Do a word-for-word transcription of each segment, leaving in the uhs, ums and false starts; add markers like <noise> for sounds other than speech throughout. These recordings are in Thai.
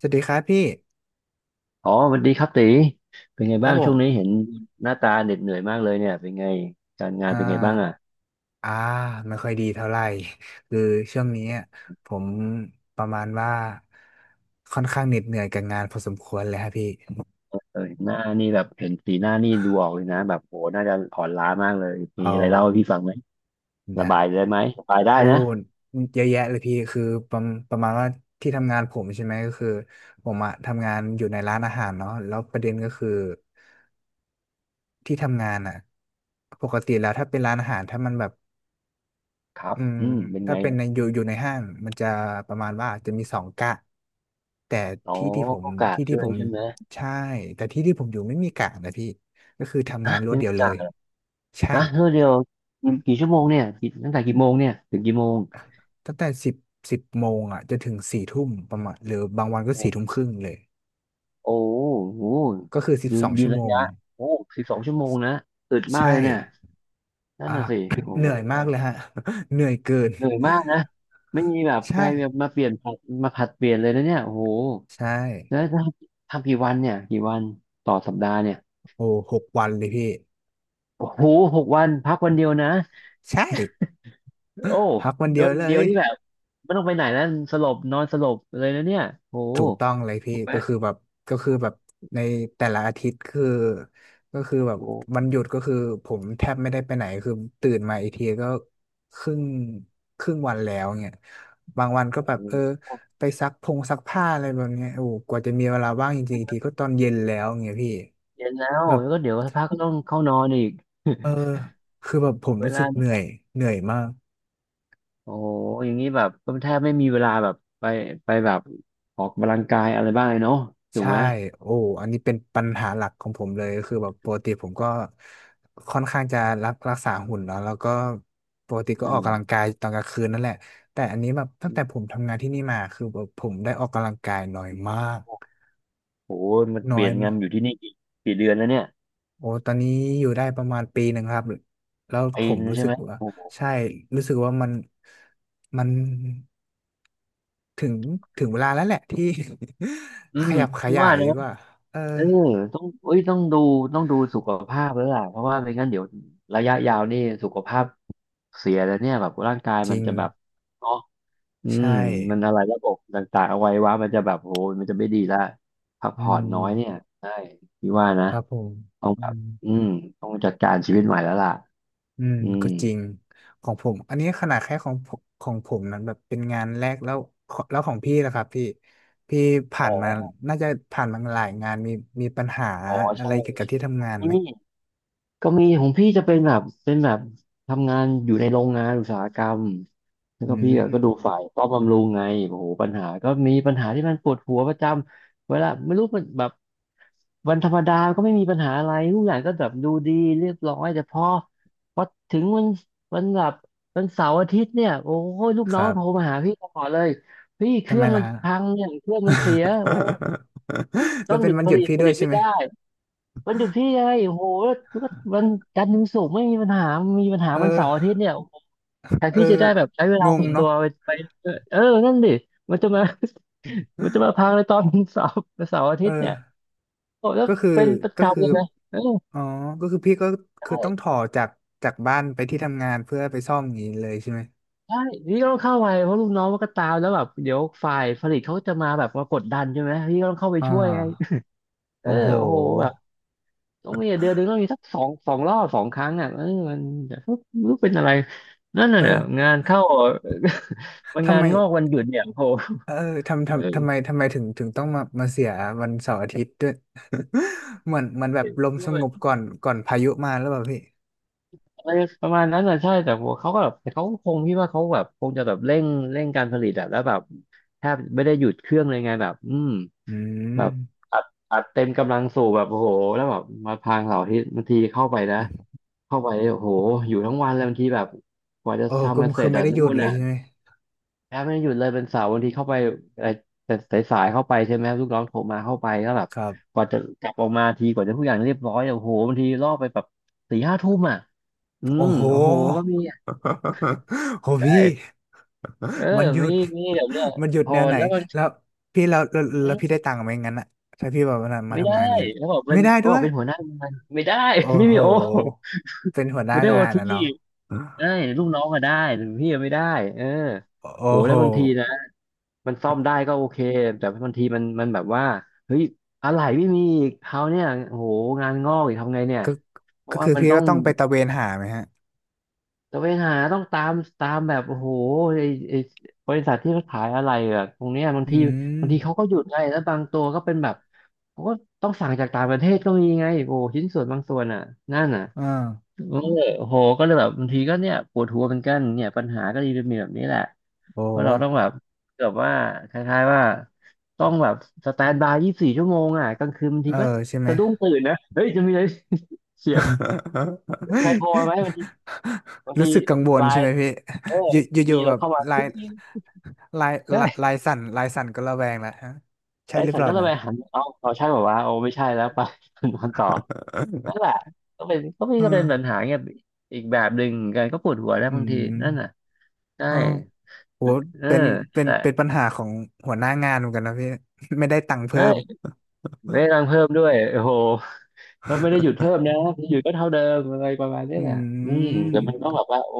สวัสดีครับพี่อ๋อสวัสดีครับตีเป็นไงครับ้าบงผช่วงนี้มเห็นหน้าตาเหน็ดเหนื่อยมากเลยเนี่ยเป็นไงการงานอ่าเป็นไงบ้างอ่ะอ่าไม่ค่อยดีเท่าไหร่ <laughs> คือช่วงนี้อะผมประมาณว่าค่อนข้างเหน็ดเหนื่อยกับงานพอสมควรเลยครับพี่เออเห็นหน้านี่แบบเห็นสีหน้านี่ดูออกเลยนะแบบโหน่าจะอ่อนล้ามากเลยมีเอาอะไรเล่าให้พี่ฟังไหมระได้บายได้ไหมระบายได้โอ้นะเยอะแยะเลยพี่คือประมประมาณว่าที่ทำงานผมใช่ไหมก็คือผมอะทำงานอยู่ในร้านอาหารเนาะแล้วประเด็นก็คือที่ทำงานอะปกติแล้วถ้าเป็นร้านอาหารถ้ามันแบบ ครับอืมอืมเป็นถ้าไงเป็นอะในอยู่อยู่ในห้างมันจะประมาณว่าจะมีสองกะแต่อ๋อที่ที่ผมก็กะที่ที่ช่วผยมใช่ไหมใช่แต่ที่ที่ผมอยู่ไม่มีกะนะพี่ก็คือทำงาฮะนรวดไม่เดีมียวเลยกะใช่ฮะเท่าเดียวกี่กี่ชั่วโมงเนี่ยกี่ตั้งแต่กี่โมงเนี่ยถึงกี่โมงตั้งแต่สิบสิบโมงอ่ะจนถึงสี่ทุ่มประมาณหรือบางวันก็โอสี่ทุ่ม้ครึ่งเลยโอ้โหก็คือสิบยืสนองยืนชั่วโมระงยะโอ้สิบสองชั่วโมงนะอึดมากใช่เลยเนี่ยนั่นอ่ะ น่ะสิโอ้ <coughs> เหโนื่อยห มากเลยฮะ <laughs> เหนื่อยเกิน เหนื่อยมากนะไม่มีแบบ <laughs> ไปใช่แบบมาเปลี่ยนผัดมาผัดเปลี่ยนเลยนะเนี่ยโอ้โหใช่แล้วถ้าทำกี่วันเนี่ยกี่วันต่อสัปดาห์เนี่ยโอ้หกวันเลยพี่โอ้โหหกวันพักวันเดียวนะใช่โอ้พักวันโดเดียวนเลเดียย วนี่แบบไม่ต้องไปไหนแล้วสลบนอนสลบเลยนะเนี่ยโอ้โหถูกต้องเลยพี่ถูกไหมก็คือแบบก็คือแบบในแต่ละอาทิตย์คือก็คือแบบโอ้วันโหหยุดก็คือผมแทบไม่ได้ไปไหนคือตื่นมาอีกทีก็ครึ่งครึ่งวันแล้วเนี่ยบางวันก็แบบเออไปซักพงซักผ้าอะไรแบบเนี้ยโอ้โหกว่าจะมีเวลาว่างจริงๆอีกทีก็ตอนเย็นแล้วเงี้ยพี่เย็นแล้วแบบแล้วก็เดี๋ยวสักพักก็ต้องเข้านอนอีกเออคือแบบผมเวรู้สึกเหลานื่อยเหนื่อยมาก โอ้โหอย่างนี้แบบก็แทบไม่มีเวลาแบบไปไปแบบออกกำลังกายอะไรบ้างเลยเนาะถูกใช่ไหมโอ้อันนี้เป็นปัญหาหลักของผมเลยคือแบบปกติผมก็ค่อนข้างจะรักรักษาหุ่นเนาะแล้วก็ปกติก็อืออม กกำลังกายตอนกลางคืนนั่นแหละแต่อันนี้แบบตั้งแต่ผมทำงานที่นี่มาคือแบบผมได้ออกกำลังกายน้อยมากโอ้ยมันน้เปอลี่ยยนงามานกอยู่ที่นี่กี่กี่เดือนแล้วเนี่ยโอ้ตอนนี้อยู่ได้ประมาณปีหนึ่งครับแล้วปีผมนงรู้ใช่สึกไหมว่าโอ้โหใช่รู้สึกว่ามันมันถึงถึงเวลาแล้วแหละที่ อื <laughs> ขมยับขพี่ยาว่ายดีนะกว่าเออเออต้องเอ้ยต้องดูต้องดูสุขภาพแล้วล่ะเพราะว่าไม่งั้นเดี๋ยวระยะยาวนี่สุขภาพเสียแล้วเนี่ยแบบร่างกายจมัรินงจะแบบเนาะอืใช่ มมันอะไรระบบต่างๆเอาไว้ว่ามันจะแบบโอ้ยมันจะไม่ดีละพักอืผ่อนมน้อยเนี่ยใช่พี่ว่านะครับผมต้องอืแบบมอืมต้องจัดการชีวิตใหม่แล้วล่ะอืมอืมก็จริงของผมอันนี้ขนาดแค่ของผมของผมนั้นแบบเป็นงานแรกแล้วขอแล้วของพี่นะครับพี่พี่ผ่าอ๋อนมาน่าจะผ่านมาหลายงานมีมีปัญหาอ๋ออะใช่ไรเกี่ยวกับใช่ที่ทำงานอืไหมม ก็มีของพี่จะเป็นแบบเป็นแบบทำงานอยู่ในโรงงานอุตสาหกรรมแล้วอืก็พี่อะก็ดูมฝ่ายป้อมบำรุงไงโอ้โหปัญหาก็มีปัญหาที่มันปวดหัวประจำเวลาไม่รู้มันแบบวันธรรมดาก็ไม่มีปัญหาอะไรทุกอย่างก็แบบดูดีเรียบร้อยแต่พอพอถึงวันวันแบบวันเสาร์อาทิตย์เนี่ยโอ้ยลูกคน้อรังโทรบมาหาพี่ตลอดเลยพี่เคทำรื่ไมองล่ะมันฮะ พังเนี่ยเครื่องมันเสียโอ้หยุด <laughs> แล้ต้อวงหเป็นยุดวันผหยุดลิตพี่ผด้วลิยตใช่ไม่ไหมได้ วันหยุดพี่ไงโอ้โหแล้วก็วันจันทร์ถึงศุกร์ไม่มีปัญหามีปัญหาเวันเสาร์อาอทิอตย์เนี่ยโอ้โหแต่เออพี่จะได้แบบใช้เวลางงส่วนตัเนาะวไปไปเออเออนั่นดิมันจะมา <laughs> มันจะมาพังในตอนเสาร์เสาร์อาเอทิตย์อ เนี่ยโอ้แล้วก็คือเป็นประก็คืจำอเลยนะเอออ๋อก็คือพี่ก็คือใช่ต้องถอจากจากบ้านไปที่ทำงานเพื่อไปซ่อมอย่างนี้เลยใช่ไหมใช่พี่ก็ต้องเข้าไปเพราะลูกน้องมันก็ตามแล้วแบบเดี๋ยวฝ่ายผลิตเขาจะมาแบบมากดดันใช่ไหมพี่ก็ต้องเข้าไปอ่าช่วยไงเอโอ้อโหโอ้โหแบบ ต้องมีเดือนหนึ่งต้องมีสักสองสองรอบสองครั้งอ่ะเออมันจะไม่รู้เป็นอะไรนั่นเอน่ะองานเข้า <laughs> มันทำงานไมงอกวันหยุดเนี่ยโหเออทำทำทำเออไมทำไมถึงถึงต้องมามาเสียวันเสาร์อาทิตย์ด้วย <laughs> เหมือนเหมือนแบบเห็นลมด้สวงยบก่อนก่อนพายุมาแล้วเปล่าพี่อะไรประมาณนั้นอ่ะใช่แต่ว่าเขาก็แบบแต่เขาคงพี่ว่าเขาแบบคงจะแบบเร่งเร่งการผลิตอะแล้วแบบแทบไม่ได้หยุดเครื่องเลยไงแบบอืมอืแบบมอัดอัดเต็มกำลังสูบแบบโอ้โหแล้วแบบมาพางเสาร์อาทิตย์บางทีเข้าไปนะเข้าไปโอ้โหอยู่ทั้งวันเลยบางทีแบบกว่าจะโอ้ก็ทำกันเสคืร็อจไม่อะได้หนู่ยุดนเลยอ่ะ ใช่ไหมแอปไม่หยุดเลยเป็นเสาร์บางทีเข้าไปเอ่อสายสายๆเข้าไปใช่ไหมลูกน้องโทรมาเข้าไปก็แบบครับกว่าจะกลับออกมาทีกว่าจะทุกอย่างเรียบร้อยอะโอ้โหบางทีล่อไปแบบสี่ห้าทุ่มอ่ะอืโอ้มโห โอ้โหก็มีอะ <laughs> โหพี่ ใช่เออมันหยุมีด มีแบบเนี้ย <laughs> มันหยุดโหแนวดไหนแล้วมันแล้วพี่แล้วแล้วอืแล้วพี่มได้ตังค์ไหมงั้นอะถ้าพี่แบบว่ามาไม่ได้ทำงานงั้นแล้วบอกเป็ไม่นได้ก็ด้บวอกยเป็นหัวหน้างานไม่ได้ โอ้ <laughs> ไม่โหมีโอเป็นหัวหน้าไม่ได้โองานทีอะเนาะได้ลูกน้องก็ได้แต่พี่อะไม่ได้เออโอ้โหโหแล้วบางทีนะ มันซ่อมได้ก็โอเคแต่บางทีมันมันแบบว่าเฮ้ยอะไรไม่มีอีกเขาวเนี่ยโอ้โหงานงอกอีกทำไงเนี่ยก็เพก็ราะว่าคือมันพี่ต้อก็งต้องไปตระเวนหาไหมฮะตะเวนหาต้องตามตามแบบโอ้โหไอไอบริษัทที่เขาขายอะไรอะตรงเนี้ยบางอืทีมบางทีเขาก็หยุดไงแล้วบางตัวก็เป็นแบบเขาก็ต้องสั่งจากต่างประเทศก็มีไงโอ้โหชิ้นส่วนบางส่วนอ่ะนั่นอ่ะอ่าเออโอ้โหก็เลยแบบบางทีก็เนี่ยปวดหัวเหมือนกันเนี่ยปัญหาก็เลยมีแบบนี้แหละ โอ้เพราะเราต้องแบบเกือบว่าคล้ายๆว่าต้องแบบสแตนบายยี่สิบสี่ชั่วโมงอ่ะกลางคืนบางเอทีอก็ใช่ไหม สะดุ้งตื่นนะเฮ้ยจะมีอะไรเสียง <laughs> มีใครโทรมาไหมบางทีบางรู้ทีสึกกังวลไลใช่ไหมน์พี่เอออยู่อมียู่อะๆไรแบบเข้ามาจลายริงลายๆใช่ลายลายสั่นลายสั่นก็ระแวงแล้วฮะใช่ไอ้หรือฉัเปนล่าก็เลยนะ ไปหันเอาเอาใช่บอกว่าวะโอ้ไม่ใช่แล้วไป <laughs> นอนต่อนั่นแหละ <laughs> ก็เป็นก็มีเออก็เป็นปัญหาเงี้ยอีกแบบหนึ่งเหมือนกันก็ปวดหัวแล้วอืบางทีนั่นน่ะมใช่เออโหเออเป็นเป็นแต่เป็นปัญหาของหัวหน้างานเหมือนกันนะพี่ <laughs> ไม่ได้ตังค์เพิ่ใช่ม ไม่รังเพิ่มด้วยโอ้โห ก็ไม่ได้หยุดเพิ่มนะหยุดก็เท่าเดิมอะไรประมาณเนี้ <laughs> ยอืแหละอืมมแต่มันต้องแบบว่าโอ้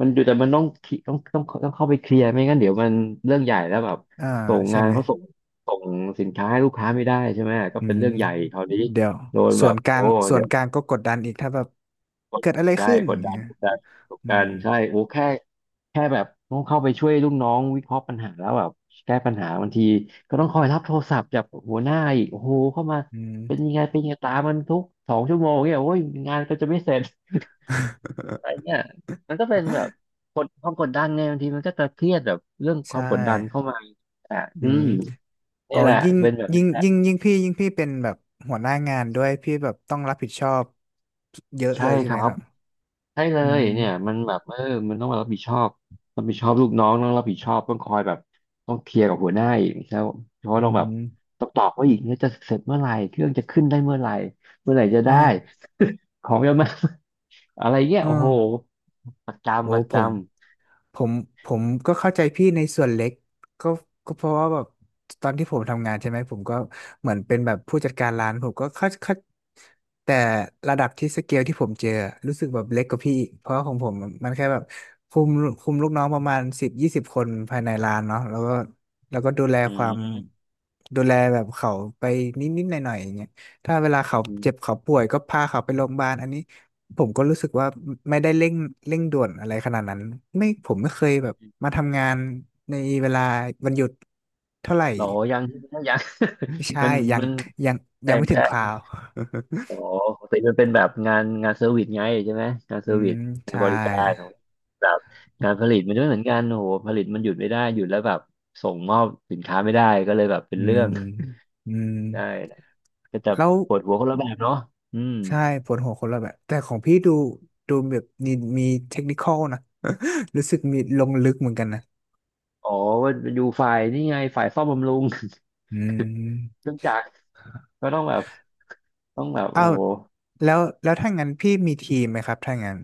มันอยู่แต่มันต้องคิต้องต้องต้องเข้าไปเคลียร์ไม่งั้นเดี๋ยวมันเรื่องใหญ่แล้วแบบอ่าส่งใช่งานไหมเขาส่งส่งสินค้าให้ลูกค้าไม่ได้ใช่ไหมก็อืเป็นมเรื่องใหญ่คราวนี้เดี๋ยวโดนส่แบวบนกลาโอ้งส่วเดี๋นยว กลางก็กดดันอีกถ้าแบบกดเกิดอะไรใช่ขึ้นกอดย่างดัเงี้นยกดดันกดอืดัมนใช่โอ้แค่แค่แบบต้องเข้าไปช่วยลูกน้องวิเคราะห์ปัญหาแล้วแบบแก้ปัญหาบางทีก็ต้องคอยรับโทรศัพท์จากหัวหน้าอีกโอ้โหเข้ามาอืม เป็นยังไงเป็นยังไงตามมันทุกสองชั่วโมงเนี่ยโอ้ยงานก็จะไม่เสร็จ <laughs> อะไร <laughs> เนี่ยมันก็เป็นแบบกดความกดดันไงบางทีมันก็จะเครียดแบบเรื่องคใช่วามกดดันเข้ามาอ่ะอือืมมอ๋อนี่แหละยิ่งเป็นแบบยิ่นี้งแหละยิ่งยิ่งพี่ยิ่งพี่เป็นแบบหัวหน้างานด้วยพี่แบบต้องรับผิดชอบเยอะใช่เลยใช่คไหมรัคบ รับใช่เลอืยม เนี่ยมันแบบเออมันต้องมารับผิดชอบรับผิดชอบลูกน้องต้องรับผิดชอบต้องคอยแบบต้องเคลียร์กับหัวหน้าอีกแล้วเพราะว่าอืต้องแบบมต้องตอบว่าอีกเนี่ยจะเสร็จเมื่อไหร่เครื่องจะขึ้นได้เมื่อไหร่เมื่อไหร่จะอ๋อได้ <laughs> ของจะมา <laughs> อะไรเงี้ยอ๋อโอ้โหประโอ้จำประผจมผมผมก็เข้าใจพี่ในส่วนเล็กก็ก็เพราะว่าแบบตอนที่ผมทำงานใช่ไหมผมก็เหมือนเป็นแบบผู้จัดการร้านผมก็เข้าเข้าแต่ระดับที่สเกลที่ผมเจอรู้สึกแบบเล็กกว่าพี่อีกเพราะว่าของผมมันแค่แบบคุมคุมลูกน้องประมาณสิบยี่สิบคนภายในร้านเนาะแล้วก็แล้วก็ดูแลำอืความมดูแลแบบเขาไปนิดนิดหน่อยหน่อยๆอย่างเงี้ยถ้าเวลาเขาอืเจ็บมเขาป่วยก็พาเขาไปโรงพยาบาลอันนี้ ผมก็รู้สึกว่าไม่ได้เร่งเร่งด่วนอะไรขนาดนั้นไม่ผมไม่เคยแบบมาทำงานในเวลาวันหยุดเท่าไหร่หรอยัง <laughs> ใช่ไหมยัง ไม่ <laughs> ใช่มันยังมันยังยัใช่งไม่ถึงคราใช่ ว อ๋อ <laughs> ปกติมันเป็นแบบงานงานเซอร์วิสไงใช่ไหมงานเซอือร์วิมสงานใช่บริการขงแบบการผลิตมันไม่เหมือนกันโอ้โหผลิตมันหยุดไม่ได้หยุดแล้วแบบส่งมอบสินค้าไม่ได้ก็เลยแบบเป็อืนเรื่มอง อืม <laughs> ได้ก็จะแล้วปวดหัวคนละแบบเนาะอืมใช่ปวดหัวคนละแบบแต่ของพี่ดูดูแบบมีมีเทคนิคอลนะ <laughs> รู้สึกมีลงลึกเหมือนกันนะอ๋อว่าอยู่ฝ่ายนี่ไงฝ่ายซ่อมบำรุง <laughs> อืเคมรื่องจักรก็ต้องแบบต้องแบบอ้าโอ้วโห แล้วแล้วถ้างั้นพี่มีทีมไหมครับถ้างั้น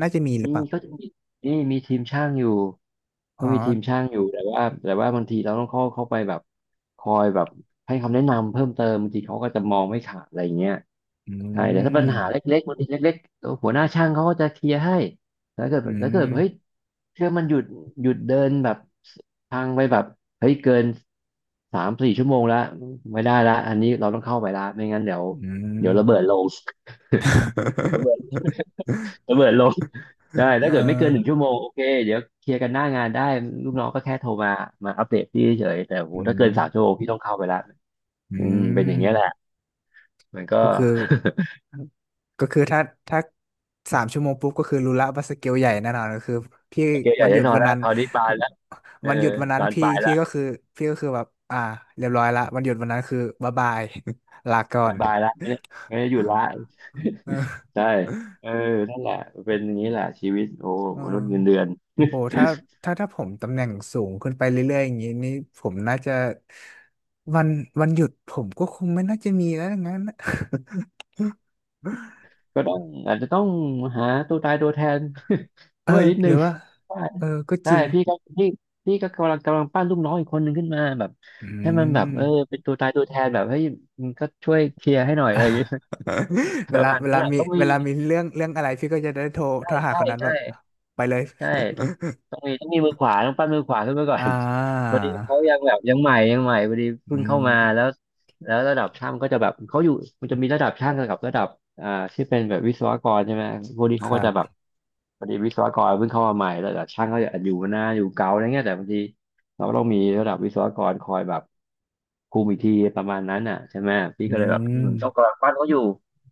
น่าจะมีหรืมีอเปล่าก็จะมีนี่มีทีมช่างอยู่อ๋ก็อ มีทีมช่างอยู่แต่ว่าแต่ว่าบางทีเราต้องเข้าเข้าไปแบบคอยแบบให้คำแนะนำเพิ่มเติมบางทีเขาก็จะมองไม่ขาดอะไรอย่างเงี้ยอืใช่แต่ถ้าปัญหามเล็กๆบางทีเล็กๆตัวหัวหน้าช่างเขาก็จะเคลียร์ให้แล้วเกิดอืแล้วเกิดมเฮ้ยเครื่องมันหยุดหยุดเดินแบบทางไปแบบเฮ้ยเกินสามสี่ชั่วโมงแล้วไม่ได้ละอันนี้เราต้องเข้าไปละไม่งั้นเดี๋ยวอืเดี๋ม ยวระเบิดลง ระเบิด <laughs> ระเบิดลงได้ <laughs> ถ้าเอ่เกิดไม่เกิานหนึ่งชั่วโมงโอเคเดี๋ยวเคลียร์กันหน้างานได้ลูกน้องก็แค่โทรมามาอัปเดตพี่เฉยแต่อโหอืถ้าเกินมสามชั่วโมงพี่ต้องเข้าไปละอือืมเป็นอย่างเงี้ยแหละมมันก็ ก็คือ ก็คือถ้าถ้าสามชั่วโมงปุ๊บก็คือรู้ละว่าสเกลใหญ่แน่นอนก็คือพี่ <laughs> โอเคใหวัญ่นหได้ยุดนอนวันแล้วนั้นคราวนี้บานแล้วเอวันหยุอดวันนั้นบานพี่ปลายพี่ละก็คือพี่ก็คือแบบอ่าเรียบร้อยละวันหยุดวันนั้นคือบ๊ายบาย <laughs> ลาก่อบานนปลายละไม่ได้ไม่ได้หยุดละเออใช่เออนั่นแหละเป็นอย่างนี้แหละชีวิตโอ้เออ มนุษย์เงินเดือนโอ้ถ้าถ้าถ้าผมตำแหน่งสูงขึ้นไปเรื่อยๆอย่างนี้นี่ผมน่าจะวันวันหยุดผมก็คงไม่น่าจะมีแล้วงั้นนะ <laughs> ก็ต้องอาจจะต้องหาตัวตายตัวแทน <laughs> เออช่วยนิดหนึรือง ว่าเออก็จใช่ริงพี่ก็พี่พี่ก็กำลังกำลังปั้นลูกน้องอีกคนหนึ่งขึ้นมาแบบอืให้มันแบบม เออเป็นตัวตายตัวแทนแบบเฮ้ยมึงก็ช่วยเคลียร์ให้หน่อย <laughs> อะอ่ะ ไรอย่างเงี้ยป <laughs> เวระลามาณเวนั้นลาแหละมีต้องเวมีลามีเรื่องเรื่องอะไรพี่ก็จะได้โทรโทใช่รหาใช่คนนั้นแบใช่บไปเลย ใช่ต้องต้องมีต้องมีมือขวาต้องปั้นมือขวาขึ้นมาก่อ <laughs> อ่าน <laughs> พอดีเขายังแบบยังใหม่ยังใหม่พอดีเพิ่อืงเข้ามาแล้มวแล้วระดับช่างก็จะแบบเขาอยู่มันจะมีระดับช่างกับระดับอ่าที่เป็นแบบวิศวกรใช่ไหมพวกนี้คเขาก็รัจะแบบ บพอดีวิศวกรเพิ่งเข้ามาใหม่แต่ช่างก็จะอยู่หน้าอยู่เก่าอะไรเงี้ยแต่บางทีเราก็ต้องมีระดับวิศวกรคอยแบบคุมอีกทีประมาณนั้นอ่ะใช่ไหมพี่อืก็เลยแบบอืมมต้องกำลังปั้นเขาอยู่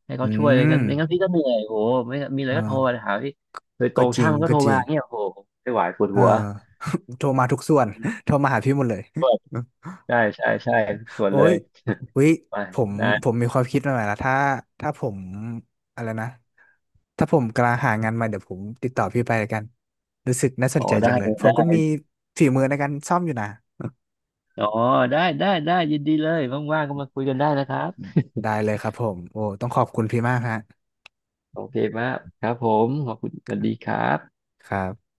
ให้อืเขาช่วยอะไรเงี้ยมไม่งั้นพี่ก็เหนื่อยโอ้โหไม่งั้นมีอะไรก็โทรอ่ามาหาพี่โดยตก็รงจริช่างงมันก็ก็โทรจริมาง เงี้ยโอ้โหไม่ไหวปวดเออ หัว <laughs> โทรมาทุกส่วน <laughs> โทรมาหาพี่หมดเลย <laughs> ใช่ใช่ใช่ทุกส่วนโอ้เลยยวิไปผมนะผมมีความคิดมาใหม่ๆแลวถ้าถ้าผมอะไรนะถ้าผมกำลังหางานใหม่เดี๋ยวผมติดต่อพี่ไปแล้วกันรู้สึกน่าสอ๋นอใจได้จังเลเลยยผมก็ได้มีฝีมือในการซ่อมอยู่นะอ๋อได้ได้ได้ยินดีเลยว่างๆก็มาคุยกันได้นะครับได้เลยครับผมโอ้ต้องขอบคุณพี่มากฮะโอเคมากครับผมขอบคุณสวัสดีครับครับ